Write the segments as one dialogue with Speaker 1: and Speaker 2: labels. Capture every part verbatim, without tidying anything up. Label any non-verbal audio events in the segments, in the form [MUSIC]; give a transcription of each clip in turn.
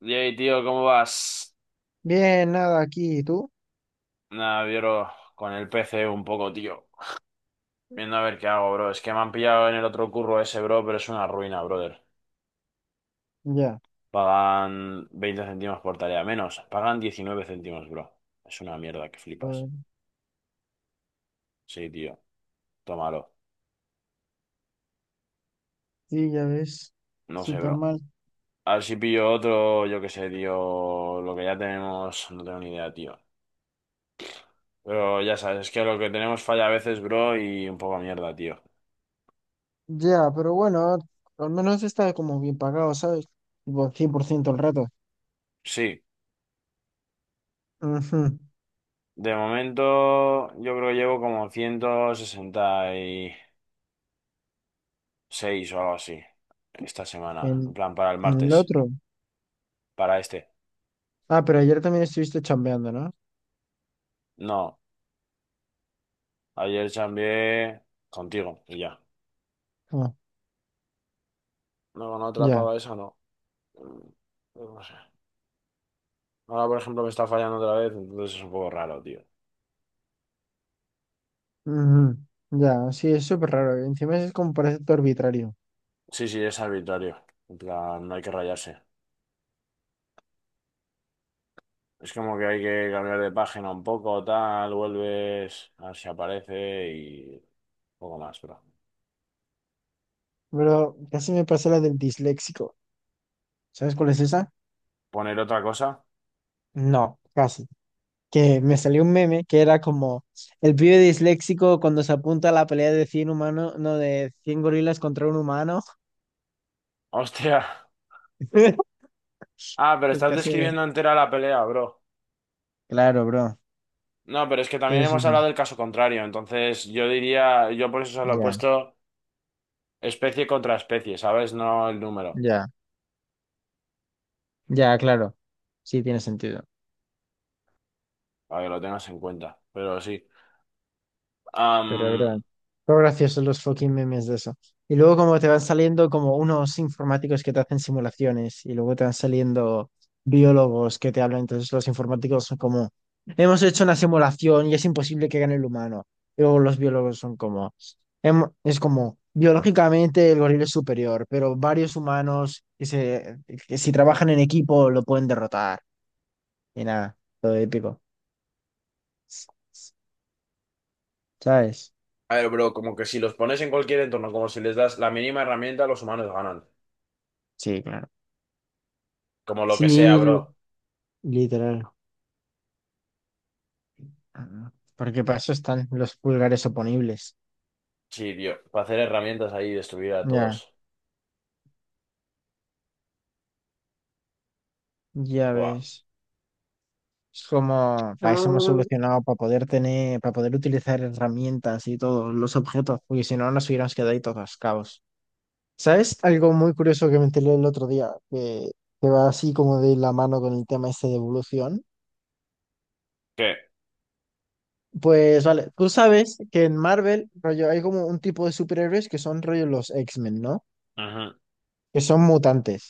Speaker 1: Yay, tío, ¿cómo vas?
Speaker 2: Bien, nada, aquí, ¿y tú?
Speaker 1: Nada, bro, con el P C un poco, tío. Viendo a ver qué hago, bro. Es que me han pillado en el otro curro ese, bro, pero es una ruina, brother.
Speaker 2: Ya,
Speaker 1: Pagan veinte céntimos por tarea, menos. Pagan diecinueve céntimos, bro. Es una mierda que flipas.
Speaker 2: pues,
Speaker 1: Sí, tío, tómalo.
Speaker 2: sí, ya ves,
Speaker 1: No sé, bro.
Speaker 2: súper mal.
Speaker 1: A ver si pillo otro, yo qué sé, tío. Lo que ya tenemos, no tengo ni idea, tío. Pero ya sabes, es que lo que tenemos falla a veces, bro, y un poco mierda, tío.
Speaker 2: Ya, pero bueno, al menos está como bien pagado, ¿sabes? Tipo, cien por ciento el rato.
Speaker 1: Sí.
Speaker 2: Ujú.
Speaker 1: De momento, yo creo que llevo como ciento sesenta y seis o algo así esta semana. En
Speaker 2: En,
Speaker 1: plan, para el
Speaker 2: en el
Speaker 1: martes,
Speaker 2: otro.
Speaker 1: para este.
Speaker 2: Ah, pero ayer también estuviste chambeando, ¿no?
Speaker 1: No, ayer chambeé contigo y ya.
Speaker 2: Ah,
Speaker 1: No, con otra
Speaker 2: ya.
Speaker 1: pava esa no. Mm, No sé. Ahora, por ejemplo, me está fallando otra vez, entonces es un poco raro, tío.
Speaker 2: Ujú. Ya, sí, es súper raro. Y encima es como parece todo arbitrario.
Speaker 1: Sí, sí, es arbitrario. En plan, no hay que rayarse. Es como que hay que cambiar de página un poco, tal, vuelves, a ver si aparece y poco más, pero.
Speaker 2: Pero casi me pasó la del disléxico. ¿Sabes cuál es esa?
Speaker 1: Poner otra cosa.
Speaker 2: No, casi. Que me salió un meme que era como el pibe disléxico cuando se apunta a la pelea de cien humanos, no, de cien gorilas contra un humano.
Speaker 1: [LAUGHS] Hostia.
Speaker 2: [LAUGHS]
Speaker 1: Ah, pero
Speaker 2: Pues
Speaker 1: estás
Speaker 2: casi.
Speaker 1: describiendo entera la pelea, bro.
Speaker 2: Claro, bro.
Speaker 1: No, pero es que
Speaker 2: Sí,
Speaker 1: también
Speaker 2: sí,
Speaker 1: hemos
Speaker 2: sí.
Speaker 1: hablado del caso contrario, entonces yo diría, yo por eso solo he
Speaker 2: Ya,
Speaker 1: puesto especie contra especie, ¿sabes? No el número,
Speaker 2: ya, ya, claro. Sí, tiene sentido.
Speaker 1: para que lo tengas en cuenta, pero sí.
Speaker 2: Pero es
Speaker 1: Am,
Speaker 2: verdad. Son graciosos los fucking memes de eso. Y luego como te van saliendo como unos informáticos que te hacen simulaciones y luego te van saliendo biólogos que te hablan. Entonces los informáticos son como, hemos hecho una simulación y es imposible que gane el humano. Y luego los biólogos son como, "Hem- es como, biológicamente el gorila es superior, pero varios humanos que, se, que si trabajan en equipo lo pueden derrotar. Y nada, todo épico. ¿Sabes?
Speaker 1: a ver, bro, como que si los pones en cualquier entorno, como si les das la mínima herramienta, los humanos ganan.
Speaker 2: Sí, claro.
Speaker 1: Como lo que sea,
Speaker 2: Sí,
Speaker 1: bro.
Speaker 2: literal. Ah, porque para eso están los pulgares oponibles.
Speaker 1: Sí, tío, para hacer herramientas ahí y destruir a
Speaker 2: Ya,
Speaker 1: todos.
Speaker 2: ya
Speaker 1: Buah.
Speaker 2: ves. Es como, para eso hemos solucionado, para poder tener, para poder utilizar herramientas y todos los objetos, porque si no nos hubiéramos quedado ahí todos cabos. ¿Sabes algo muy curioso que me enteré el otro día, que, que va así como de la mano con el tema este de evolución?
Speaker 1: ¿Qué?
Speaker 2: Pues vale, tú sabes que en Marvel, rollo, hay como un tipo de superhéroes que son rollo los X-Men, ¿no?
Speaker 1: Ujú,
Speaker 2: Que son mutantes.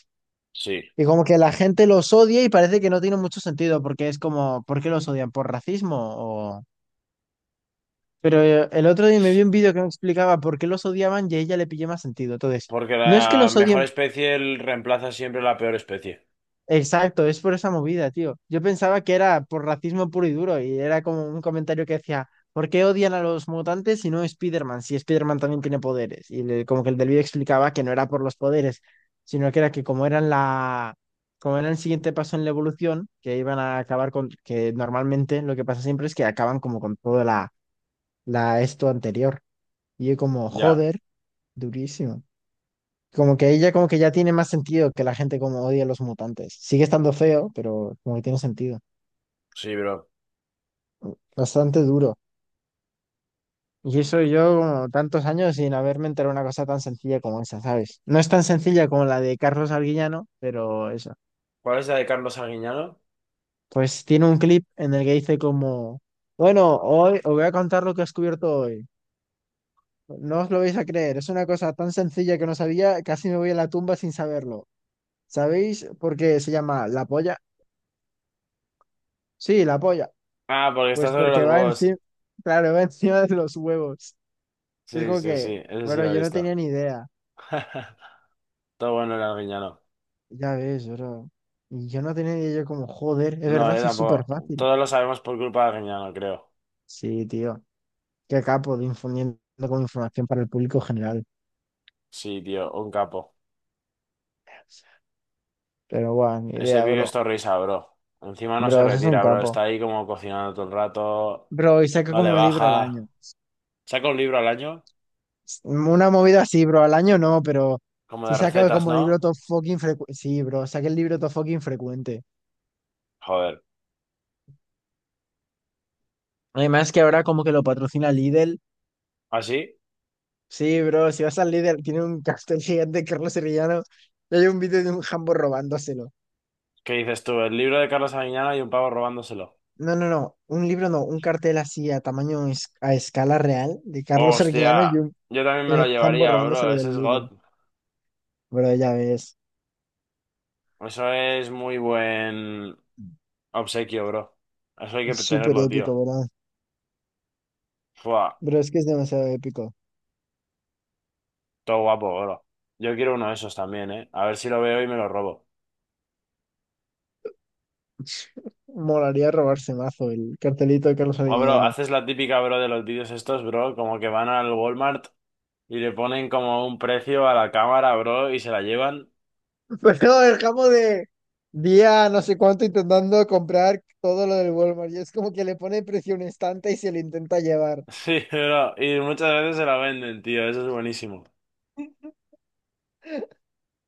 Speaker 1: sí,
Speaker 2: Y como que la gente los odia y parece que no tiene mucho sentido, porque es como, ¿por qué los odian? ¿Por racismo? O... Pero eh, el otro día me vi un vídeo que me explicaba por qué los odiaban y a ella le pillé más sentido. Entonces,
Speaker 1: porque
Speaker 2: no es que
Speaker 1: la
Speaker 2: los
Speaker 1: mejor
Speaker 2: odien.
Speaker 1: especie el- reemplaza siempre la peor especie.
Speaker 2: Exacto, es por esa movida, tío. Yo pensaba que era por racismo puro y duro y era como un comentario que decía, ¿por qué odian a los mutantes y no a Spider-Man? Si Spider-Man también tiene poderes. Y le- como que el del vídeo explicaba que no era por los poderes, sino que era que como eran la, como era el siguiente paso en la evolución, que iban a acabar con, que normalmente lo que pasa siempre es que acaban como con toda la, la, esto anterior. Y yo como,
Speaker 1: Ya,
Speaker 2: joder, durísimo. Como que ella como que ya tiene más sentido que la gente como odia a los mutantes. Sigue estando feo, pero como que tiene sentido.
Speaker 1: sí, bro.
Speaker 2: Bastante duro. Y eso yo como tantos años sin haberme enterado de una cosa tan sencilla como esa, ¿sabes? No es tan sencilla como la de Carlos Arguillano, pero eso.
Speaker 1: ¿Cuál es la de Carlos Arguiñano?
Speaker 2: Pues tiene un clip en el que dice como, bueno, hoy os voy a contar lo que he descubierto hoy. No os lo vais a creer, es una cosa tan sencilla que no sabía, casi me voy a la tumba sin saberlo. ¿Sabéis por qué se llama la polla? Sí, la polla.
Speaker 1: Ah, porque está
Speaker 2: Pues
Speaker 1: sobre
Speaker 2: porque
Speaker 1: los
Speaker 2: va
Speaker 1: huevos.
Speaker 2: encima, claro, [LAUGHS] va encima de los huevos. Es
Speaker 1: Sí,
Speaker 2: como
Speaker 1: sí, sí,
Speaker 2: que,
Speaker 1: ese sí
Speaker 2: bueno,
Speaker 1: lo he
Speaker 2: yo no
Speaker 1: visto.
Speaker 2: tenía ni idea.
Speaker 1: [LAUGHS] Todo bueno el Arguiñano.
Speaker 2: Ya ves, bro. Y yo no tenía ni idea, yo como, joder, es
Speaker 1: No,
Speaker 2: verdad,
Speaker 1: yo
Speaker 2: sí es súper
Speaker 1: tampoco.
Speaker 2: fácil.
Speaker 1: Todos lo sabemos por culpa de Arguiñano, creo.
Speaker 2: Sí, tío. Qué capo de infundiendo con información para el público general.
Speaker 1: Sí, tío, un capo.
Speaker 2: Pero guau, ni
Speaker 1: Ese
Speaker 2: idea,
Speaker 1: pibe es
Speaker 2: bro.
Speaker 1: risa, bro. Encima no se
Speaker 2: Bro, ese es un
Speaker 1: retira, bro.
Speaker 2: capo.
Speaker 1: Está ahí como cocinando todo el rato.
Speaker 2: Bro, y saca
Speaker 1: No le
Speaker 2: como un libro al
Speaker 1: baja.
Speaker 2: año.
Speaker 1: Saca un libro al año,
Speaker 2: Una movida así, bro, al año no, pero
Speaker 1: como
Speaker 2: si
Speaker 1: de
Speaker 2: saca
Speaker 1: recetas,
Speaker 2: como libro
Speaker 1: ¿no?
Speaker 2: top fucking frecuente. Sí, bro, saca el libro top fucking frecuente.
Speaker 1: Joder.
Speaker 2: Además que ahora como que lo patrocina Lidl.
Speaker 1: ¿Así?
Speaker 2: Sí, bro, si vas al líder, tiene un cartel gigante de Carlos Sevillano y hay un vídeo de un jambo robándoselo.
Speaker 1: ¿Qué dices tú? El libro de Carlos Arguiñano y un pavo robándoselo.
Speaker 2: No, no, no, un libro no, un cartel así a tamaño, es- a escala real de Carlos Sevillano y
Speaker 1: Hostia,
Speaker 2: un,
Speaker 1: yo también me
Speaker 2: y
Speaker 1: lo
Speaker 2: un jambo
Speaker 1: llevaría, bro.
Speaker 2: robándoselo
Speaker 1: Ese
Speaker 2: del
Speaker 1: es
Speaker 2: líder.
Speaker 1: God.
Speaker 2: Bro, ya ves,
Speaker 1: Eso es muy buen obsequio, bro. Eso hay que
Speaker 2: súper
Speaker 1: tenerlo,
Speaker 2: épico,
Speaker 1: tío.
Speaker 2: bro.
Speaker 1: Fua,
Speaker 2: Bro, es que es demasiado épico.
Speaker 1: todo guapo, bro. Yo quiero uno de esos también, ¿eh? A ver si lo veo y me lo robo.
Speaker 2: Molaría robarse mazo el cartelito de Carlos
Speaker 1: O, bro,
Speaker 2: Sevillano.
Speaker 1: haces la típica, bro, de los vídeos estos, bro, como que van al Walmart y le ponen como un precio a la cámara, bro, y se la llevan. [LAUGHS]
Speaker 2: [LAUGHS] Pero no, el jambo de día no sé cuánto intentando comprar todo lo del Walmart y es como que le pone precio a un estante y se lo intenta llevar.
Speaker 1: Sí, bro, y muchas veces se la venden, tío, eso es buenísimo.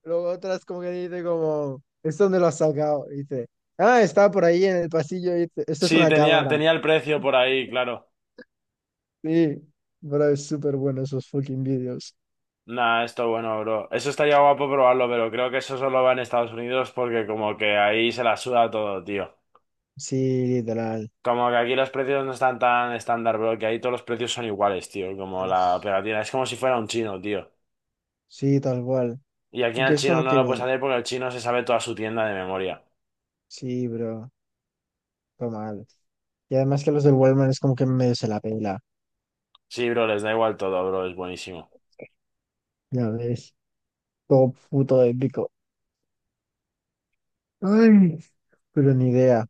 Speaker 2: Luego otras como que dice como, ¿esto dónde lo has sacado? Y dice, ah, estaba por ahí en el pasillo. Y dice, esto es
Speaker 1: Sí,
Speaker 2: una
Speaker 1: tenía,
Speaker 2: cámara.
Speaker 1: tenía el precio por ahí, claro.
Speaker 2: Sí, pero es súper bueno esos fucking vídeos.
Speaker 1: Nah, esto bueno, bro. Eso estaría guapo probarlo, pero creo que eso solo va en Estados Unidos porque como que ahí se la suda todo, tío.
Speaker 2: Sí, literal.
Speaker 1: Como que aquí los precios no están tan estándar, bro, que ahí todos los precios son iguales, tío. Como la pegatina. Es como si fuera un chino, tío.
Speaker 2: Sí, tal cual.
Speaker 1: Y aquí
Speaker 2: Y
Speaker 1: en el
Speaker 2: que es
Speaker 1: chino
Speaker 2: como
Speaker 1: no
Speaker 2: que,
Speaker 1: lo puedes hacer porque el chino se sabe toda su tienda de memoria.
Speaker 2: sí, bro, fue mal. Y además que los del Walmart es como que medio se la pela,
Speaker 1: Sí, bro, les da igual todo, bro. Es buenísimo.
Speaker 2: ya ves, todo puto épico. Ay, pero ni idea.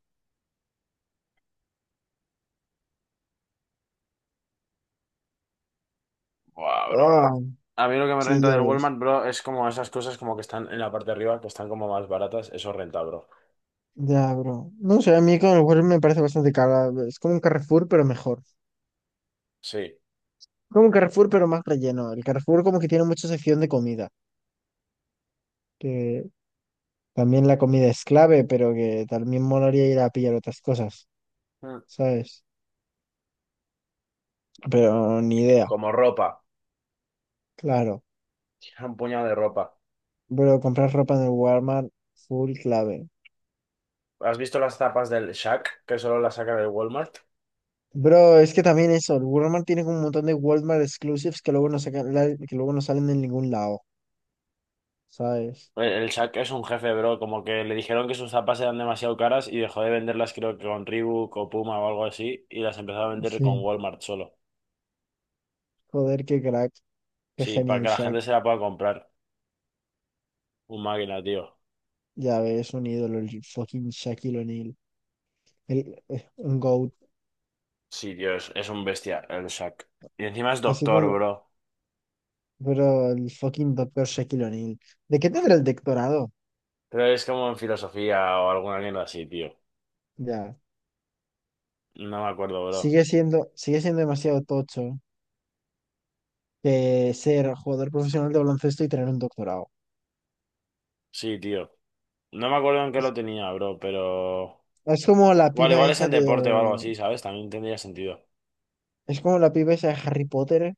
Speaker 1: Buah, bro.
Speaker 2: Ah,
Speaker 1: A mí lo que me
Speaker 2: sí,
Speaker 1: renta
Speaker 2: ya
Speaker 1: del
Speaker 2: ves.
Speaker 1: Walmart, bro, es como esas cosas como que están en la parte de arriba, que están como más baratas. Eso renta, bro.
Speaker 2: Ya, bro. No sé, a mí con el Walmart me parece bastante cara. Es como un Carrefour, pero mejor.
Speaker 1: Sí.
Speaker 2: Como un Carrefour, pero más relleno. El Carrefour como que tiene mucha sección de comida, que también la comida es clave, pero que también molaría ir a pillar otras cosas,
Speaker 1: Mm.
Speaker 2: ¿sabes? Pero ni idea,
Speaker 1: Como ropa.
Speaker 2: claro.
Speaker 1: [LAUGHS] Un puñado de ropa.
Speaker 2: Bro, comprar ropa en el Walmart, full clave.
Speaker 1: ¿Has visto las tapas del Shaq, que solo las sacan del Walmart?
Speaker 2: Bro, es que también eso, el Walmart tiene como un montón de Walmart exclusives que luego no sacan, la- que luego no salen en ningún lado, ¿sabes?
Speaker 1: El, el Shaq es un jefe, bro. Como que le dijeron que sus zapas eran demasiado caras y dejó de venderlas, creo que con Reebok o Puma o algo así, y las empezó a vender con
Speaker 2: Sí.
Speaker 1: Walmart solo.
Speaker 2: Joder, qué crack, qué
Speaker 1: Sí,
Speaker 2: genio
Speaker 1: para
Speaker 2: el
Speaker 1: que la
Speaker 2: Shaq.
Speaker 1: gente se la pueda comprar. Un máquina, tío.
Speaker 2: Ya ves, un ídolo, el fucking Shaquille O'Neal. El, eh, un GOAT.
Speaker 1: Sí, tío, es, es un bestia el Shaq. Y encima es
Speaker 2: Así
Speaker 1: doctor,
Speaker 2: como,
Speaker 1: bro.
Speaker 2: bro, el fucking doctor Shaquille O'Neal. ¿De qué tendrá el doctorado?
Speaker 1: Pero es como en filosofía o alguna mierda así, tío.
Speaker 2: Ya.
Speaker 1: No me acuerdo, bro.
Speaker 2: Sigue siendo, sigue siendo demasiado tocho que ser jugador profesional de baloncesto y tener un doctorado.
Speaker 1: Sí, tío. No me acuerdo en qué lo
Speaker 2: Es,
Speaker 1: tenía, bro, pero...
Speaker 2: es como la
Speaker 1: Igual,
Speaker 2: piba
Speaker 1: igual es
Speaker 2: esa
Speaker 1: en deporte o algo
Speaker 2: de.
Speaker 1: así, ¿sabes? También tendría sentido.
Speaker 2: Es como la piba esa de Harry Potter,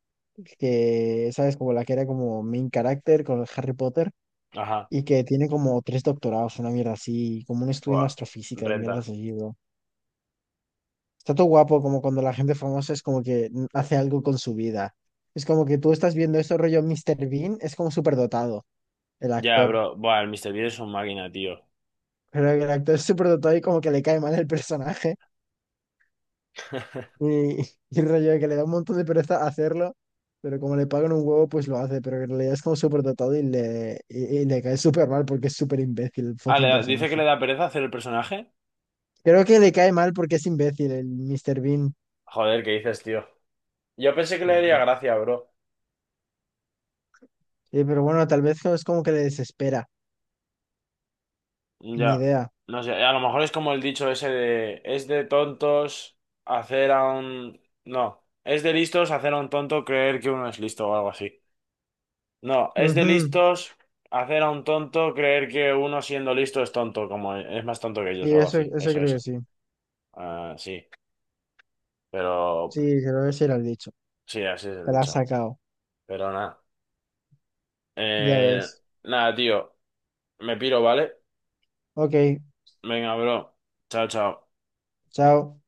Speaker 2: que, ¿sabes? Como la que era como main character con Harry Potter
Speaker 1: Ajá,
Speaker 2: y que tiene como tres doctorados, una mierda así, como un estudio en
Speaker 1: buah,
Speaker 2: astrofísica y
Speaker 1: renta.
Speaker 2: mierdas así, bro. Está todo guapo como cuando la gente famosa es como que hace algo con su vida. Es como que tú estás viendo esto rollo mister Bean, es como superdotado el
Speaker 1: Ya,
Speaker 2: actor.
Speaker 1: bro, buah, el míster Bean es un máquina, tío.
Speaker 2: Pero el actor es superdotado y como que le cae mal el personaje.
Speaker 1: [LAUGHS]
Speaker 2: Y, y el rollo de que le da un montón de pereza hacerlo, pero como le pagan un huevo, pues lo hace. Pero en realidad es como superdotado y le, y, y le cae súper mal porque es súper imbécil el
Speaker 1: Ah, le
Speaker 2: fucking
Speaker 1: da- dice que le
Speaker 2: personaje.
Speaker 1: da pereza hacer el personaje.
Speaker 2: Creo que le cae mal porque es imbécil el mister Bean.
Speaker 1: Joder, ¿qué dices, tío? Yo pensé que le
Speaker 2: No,
Speaker 1: daría
Speaker 2: no.
Speaker 1: gracia, bro.
Speaker 2: Sí, pero bueno, tal vez es como que le desespera. Ni
Speaker 1: Ya,
Speaker 2: idea.
Speaker 1: no sé, a lo mejor es como el dicho ese de, es de tontos hacer a un... No, es de listos hacer a un tonto creer que uno es listo o algo así. No, es de
Speaker 2: Ujú.
Speaker 1: listos hacer a un tonto creer que uno siendo listo es tonto, como es más tonto que ellos
Speaker 2: Sí,
Speaker 1: o algo
Speaker 2: eso,
Speaker 1: así.
Speaker 2: eso
Speaker 1: Eso,
Speaker 2: creo que
Speaker 1: eso.
Speaker 2: sí.
Speaker 1: Ah, sí, pero
Speaker 2: Sí, creo que sí era el dicho.
Speaker 1: sí, así es el
Speaker 2: Te la has
Speaker 1: dicho.
Speaker 2: sacado.
Speaker 1: Pero nada.
Speaker 2: Ya
Speaker 1: Eh,
Speaker 2: ves.
Speaker 1: nada, tío. Me piro, ¿vale?
Speaker 2: Ok,
Speaker 1: Venga, bro. Chao, chao.
Speaker 2: chao.